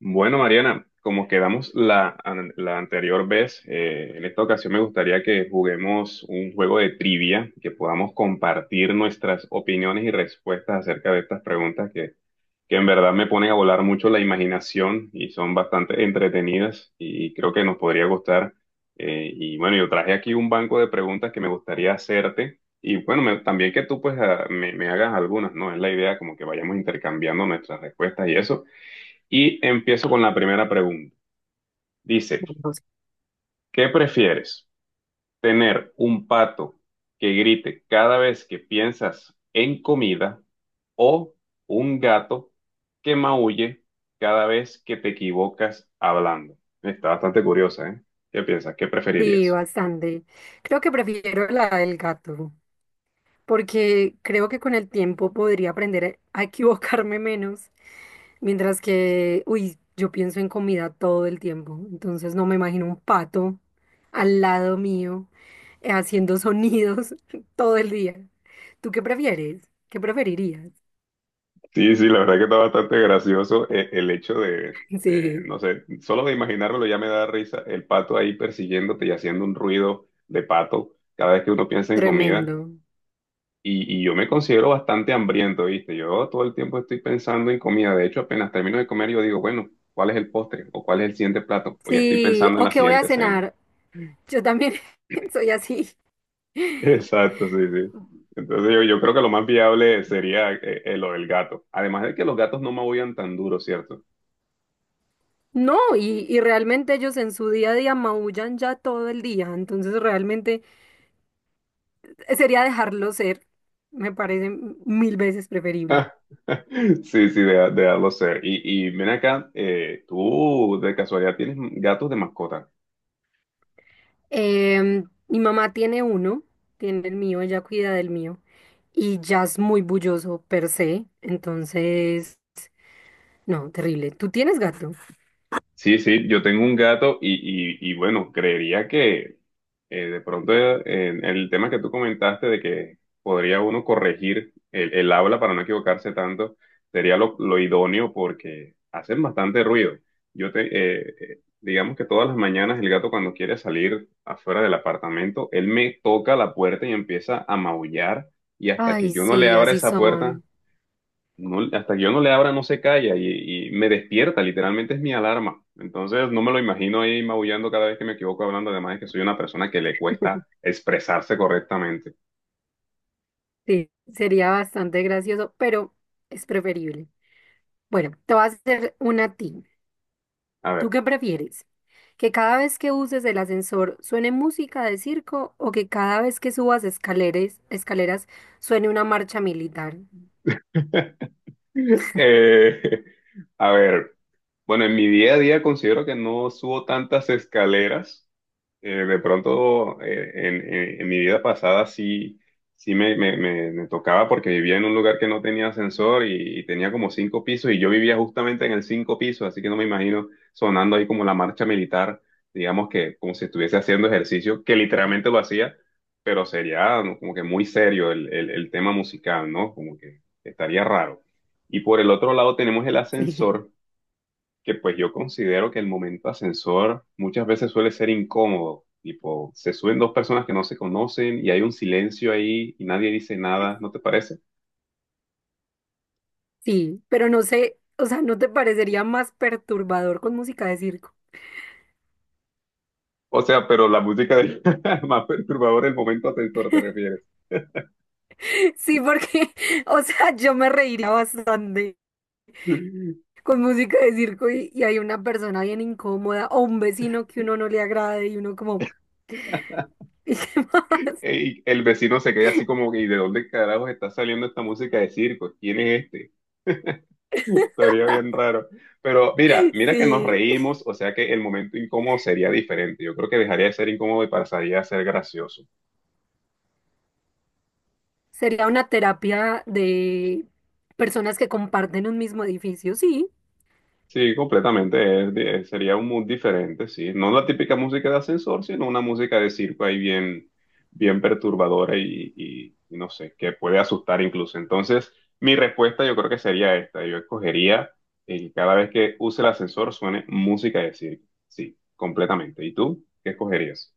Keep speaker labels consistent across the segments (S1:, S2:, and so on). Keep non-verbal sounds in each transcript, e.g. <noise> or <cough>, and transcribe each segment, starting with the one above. S1: Bueno, Mariana, como quedamos la anterior vez, en esta ocasión me gustaría que juguemos un juego de trivia, que podamos compartir nuestras opiniones y respuestas acerca de estas preguntas que en verdad me ponen a volar mucho la imaginación y son bastante entretenidas y creo que nos podría gustar. Y bueno, yo traje aquí un banco de preguntas que me gustaría hacerte y bueno, también que tú pues me hagas algunas, ¿no? Es la idea como que vayamos intercambiando nuestras respuestas y eso. Y empiezo con la primera pregunta. Dice,
S2: No sé.
S1: ¿qué prefieres? ¿Tener un pato que grite cada vez que piensas en comida o un gato que maulle cada vez que te equivocas hablando? Está bastante curiosa, ¿eh? ¿Qué piensas? ¿Qué
S2: Sí,
S1: preferirías?
S2: bastante. Creo que prefiero la del gato, porque creo que con el tiempo podría aprender a equivocarme menos, mientras que, uy, yo pienso en comida todo el tiempo, entonces no me imagino un pato al lado mío haciendo sonidos <laughs> todo el día. ¿Tú qué prefieres? ¿Qué preferirías?
S1: Sí, sí, la verdad que está bastante gracioso el hecho de,
S2: Sí,
S1: no sé, solo de imaginármelo ya me da risa el pato ahí persiguiéndote y haciendo un ruido de pato cada vez que uno piensa en comida.
S2: tremendo.
S1: Y yo me considero bastante hambriento, ¿viste? Yo todo el tiempo estoy pensando en comida. De hecho, apenas termino de comer, yo digo, bueno, ¿cuál es el postre? ¿O cuál es el siguiente plato? O ya estoy
S2: Sí,
S1: pensando en
S2: o
S1: la
S2: qué voy a
S1: siguiente cena.
S2: cenar.
S1: <laughs>
S2: Yo también <laughs> soy así.
S1: Exacto, sí, sí. Entonces yo creo que lo más viable sería lo del gato. Además de que los gatos no maullan tan duro, ¿cierto?
S2: No, y realmente ellos en su día a día maullan ya todo el día, entonces realmente sería dejarlo ser, me parece mil veces preferible.
S1: <laughs> Sí, sí, de darlo ser. Y ven acá, ¿tú de casualidad tienes gatos de mascota?
S2: Mi mamá tiene uno, tiene el mío, ella cuida del mío, y ya es muy bulloso per se, entonces, no, terrible. ¿Tú tienes gato?
S1: Sí, sí, yo tengo un gato y bueno, creería que de pronto en el tema que tú comentaste de que podría uno corregir el habla para no equivocarse tanto, sería lo idóneo porque hacen bastante ruido. Digamos que todas las mañanas el gato cuando quiere salir afuera del apartamento, él me toca la puerta y empieza a maullar y hasta que
S2: Ay,
S1: yo no le
S2: sí,
S1: abra
S2: así
S1: esa puerta,
S2: son.
S1: hasta que yo no le abra no se calla y me despierta, literalmente es mi alarma. Entonces no me lo imagino ahí maullando cada vez que me equivoco hablando, además es que soy una persona que le cuesta expresarse correctamente.
S2: Sí, sería bastante gracioso, pero es preferible. Bueno, te voy a hacer una a ti.
S1: A
S2: ¿Tú
S1: ver,
S2: qué prefieres? ¿Que cada vez que uses el ascensor suene música de circo o que cada vez que subas escaleras suene una marcha militar?
S1: <laughs> eh, a ver. Bueno, en mi día a día considero que no subo tantas escaleras. De pronto, en mi vida pasada sí, me tocaba porque vivía en un lugar que no tenía ascensor y tenía como cinco pisos y yo vivía justamente en el cinco piso, así que no me imagino sonando ahí como la marcha militar, digamos que como si estuviese haciendo ejercicio, que literalmente lo hacía, pero sería ¿no? como que muy serio el el tema musical, ¿no? Como que estaría raro. Y por el otro lado tenemos el
S2: Sí. <laughs>
S1: ascensor que pues yo considero que el momento ascensor muchas veces suele ser incómodo, tipo, se suben dos personas que no se conocen y hay un silencio ahí y nadie dice nada, ¿no te parece?
S2: Sí, pero no sé, o sea, ¿no te parecería más perturbador con música de circo?
S1: O sea, pero <laughs> más perturbadora del momento ascensor, ¿te refieres?
S2: <laughs> Sí, porque, <laughs> o sea, yo me reiría bastante
S1: <laughs>
S2: con música de circo y hay una persona bien incómoda o un vecino que uno no le agrade y uno como... <laughs>
S1: Y el vecino se queda así como que, ¿y de dónde carajos está saliendo esta música de circo? ¿Quién es este? Estaría bien raro. Pero mira, mira que nos
S2: Sí,
S1: reímos, o sea que el momento incómodo sería diferente. Yo creo que dejaría de ser incómodo y pasaría a ser gracioso.
S2: sería una terapia de personas que comparten un mismo edificio, sí.
S1: Sí, completamente. Sería un mood diferente, sí. No la típica música de ascensor, sino una música de circo ahí bien, bien perturbadora y no sé, que puede asustar incluso. Entonces, mi respuesta yo creo que sería esta. Yo escogería que cada vez que use el ascensor suene música de circo. Sí, completamente. ¿Y tú qué escogerías?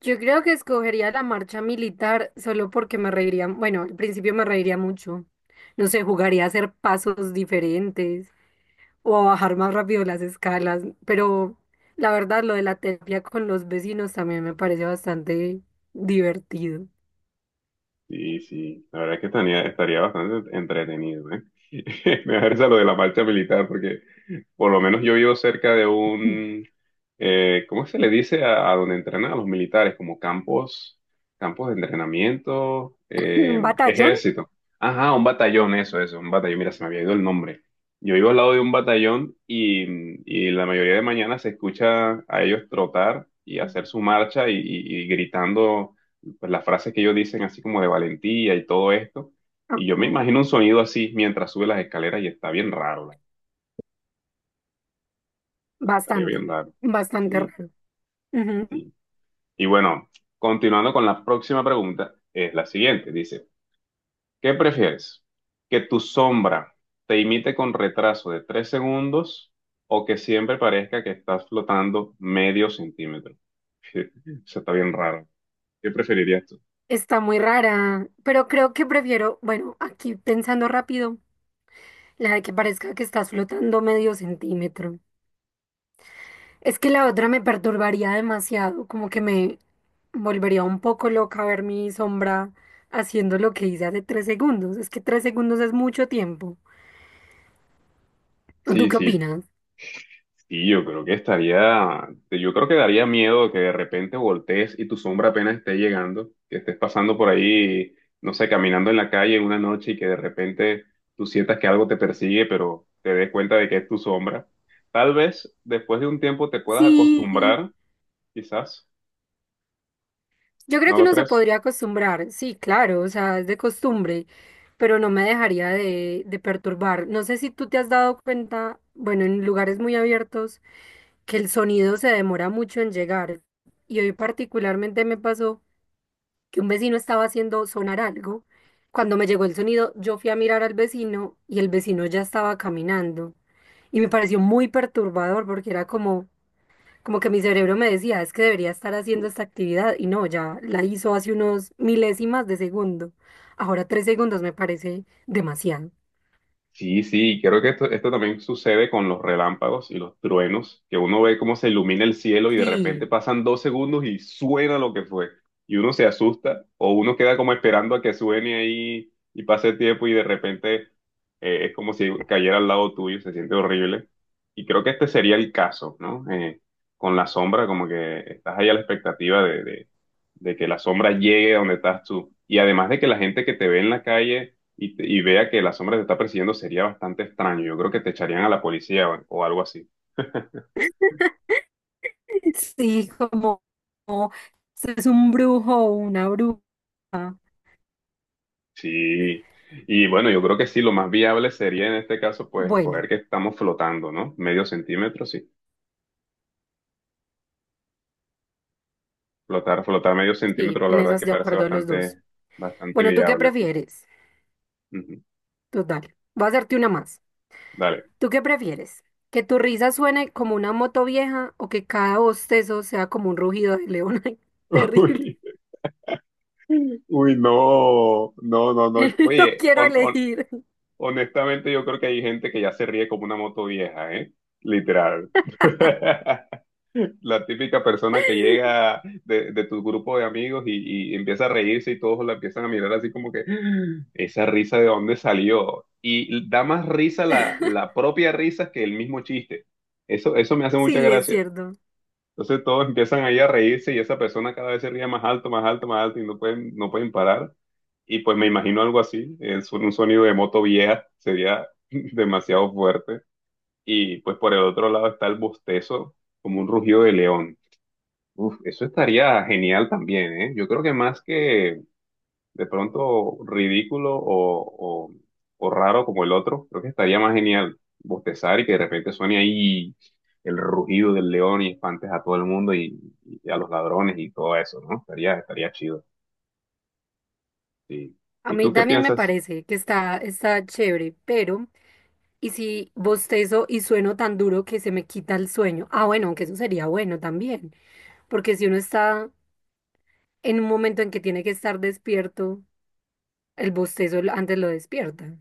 S2: Yo creo que escogería la marcha militar solo porque me reiría, bueno, al principio me reiría mucho. No sé, jugaría a hacer pasos diferentes o a bajar más rápido las escalas, pero la verdad lo de la terapia con los vecinos también me parece bastante divertido.
S1: Sí, sí, la verdad es que estaría, estaría bastante entretenido, ¿eh? <laughs> Me da risa lo de la marcha militar porque por lo menos yo vivo cerca de
S2: <laughs>
S1: un, ¿cómo se le dice a donde entrenan a los militares? Como campos, campos de entrenamiento,
S2: ¿Un batallón?
S1: ejército. Ajá, un batallón, eso, un batallón. Mira, se me había ido el nombre. Yo vivo al lado de un batallón y la mayoría de mañana se escucha a ellos trotar y hacer su marcha y gritando pues, las frases que ellos dicen, así como de valentía y todo esto. Y yo me
S2: Ujú.
S1: imagino un sonido así mientras sube las escaleras y está bien raro. Estaría
S2: Bastante,
S1: bien raro.
S2: bastante
S1: Sí,
S2: raro. Ujú.
S1: sí. Y bueno, continuando con la próxima pregunta, es la siguiente. Dice, ¿qué prefieres? ¿Que tu sombra te imite con retraso de tres segundos o que siempre parezca que estás flotando medio centímetro? <laughs> Eso está bien raro. ¿Qué preferirías tú?
S2: Está muy rara, pero creo que prefiero, bueno, aquí pensando rápido, la de que parezca que estás flotando medio centímetro. Es que la otra me perturbaría demasiado, como que me volvería un poco loca ver mi sombra haciendo lo que hice hace 3 segundos. Es que tres segundos es mucho tiempo. ¿Tú
S1: Sí,
S2: qué
S1: sí,
S2: opinas?
S1: sí, yo creo que estaría, yo creo que daría miedo que de repente voltees y tu sombra apenas esté llegando, que estés pasando por ahí, no sé, caminando en la calle una noche y que de repente tú sientas que algo te persigue, pero te des cuenta de que es tu sombra. Tal vez después de un tiempo te puedas
S2: Sí,
S1: acostumbrar, quizás,
S2: yo creo
S1: ¿no
S2: que
S1: lo
S2: uno se
S1: crees?
S2: podría acostumbrar, sí, claro, o sea, es de costumbre, pero no me dejaría de perturbar. No sé si tú te has dado cuenta, bueno, en lugares muy abiertos que el sonido se demora mucho en llegar. Y hoy particularmente me pasó que un vecino estaba haciendo sonar algo. Cuando me llegó el sonido, yo fui a mirar al vecino y el vecino ya estaba caminando. Y me pareció muy perturbador porque era como, que mi cerebro me decía, es que debería estar haciendo esta actividad y no, ya la hizo hace unos milésimas de segundo. Ahora 3 segundos me parece demasiado.
S1: Sí, sí, creo que esto también sucede con los relámpagos y los truenos, que uno ve cómo se ilumina el cielo y de repente
S2: Sí.
S1: pasan dos segundos y suena lo que fue. Y uno se asusta o uno queda como esperando a que suene ahí y pase el tiempo y de repente es como si cayera al lado tuyo, se siente horrible. Y creo que este sería el caso, ¿no? Con la sombra, como que estás ahí a la expectativa de de que la sombra llegue a donde estás tú. Y además de que la gente que te ve en la calle y vea que la sombra te está persiguiendo sería bastante extraño. Yo creo que te echarían a la policía o algo así.
S2: <laughs> Sí, como es un brujo o una bruja.
S1: Sí. Y bueno, yo creo que sí, lo más viable sería en este caso, pues, escoger
S2: Bueno,
S1: que estamos flotando, ¿no? Medio centímetro, sí. Flotar, flotar medio
S2: sí,
S1: centímetro, la
S2: en
S1: verdad es
S2: esas
S1: que
S2: de
S1: parece
S2: acuerdo los dos.
S1: bastante, bastante
S2: Bueno, ¿tú qué
S1: viable.
S2: prefieres?
S1: Ujú.
S2: Total, voy a hacerte una más.
S1: Dale.
S2: ¿Tú qué prefieres? ¿Que tu risa suene como una moto vieja o que cada bostezo sea como un rugido de león? <laughs> Ay, terrible.
S1: <laughs> Uy, uy, no, no, no, no.
S2: <laughs> No
S1: Oye,
S2: quiero elegir.
S1: honestamente yo creo que hay gente que ya se ríe como una moto vieja, ¿eh? Literal. <laughs> La típica persona que
S2: <laughs>
S1: llega de tu grupo de amigos y empieza a reírse y todos la empiezan a mirar así como que "Ah, esa risa de dónde salió. Y da más risa la propia risa que el mismo chiste. Eso me hace mucha
S2: Sí, es
S1: gracia.
S2: cierto.
S1: Entonces todos empiezan ahí a reírse y esa persona cada vez se ríe más alto, más alto, más alto y no pueden, no pueden parar. Y pues me imagino algo así, un sonido de moto vieja sería <laughs> demasiado fuerte. Y pues por el otro lado está el bostezo, como un rugido de león. Uf, eso estaría genial también, ¿eh? Yo creo que más que de pronto ridículo o raro como el otro, creo que estaría más genial bostezar y que de repente suene ahí el rugido del león y espantes a todo el mundo y a los ladrones y todo eso, ¿no? Estaría, estaría chido. Sí.
S2: A
S1: ¿Y
S2: mí
S1: tú qué
S2: también me
S1: piensas?
S2: parece que está chévere, pero ¿y si bostezo y sueno tan duro que se me quita el sueño? Ah, bueno, aunque eso sería bueno también, porque si uno está en un momento en que tiene que estar despierto, el bostezo antes lo despierta.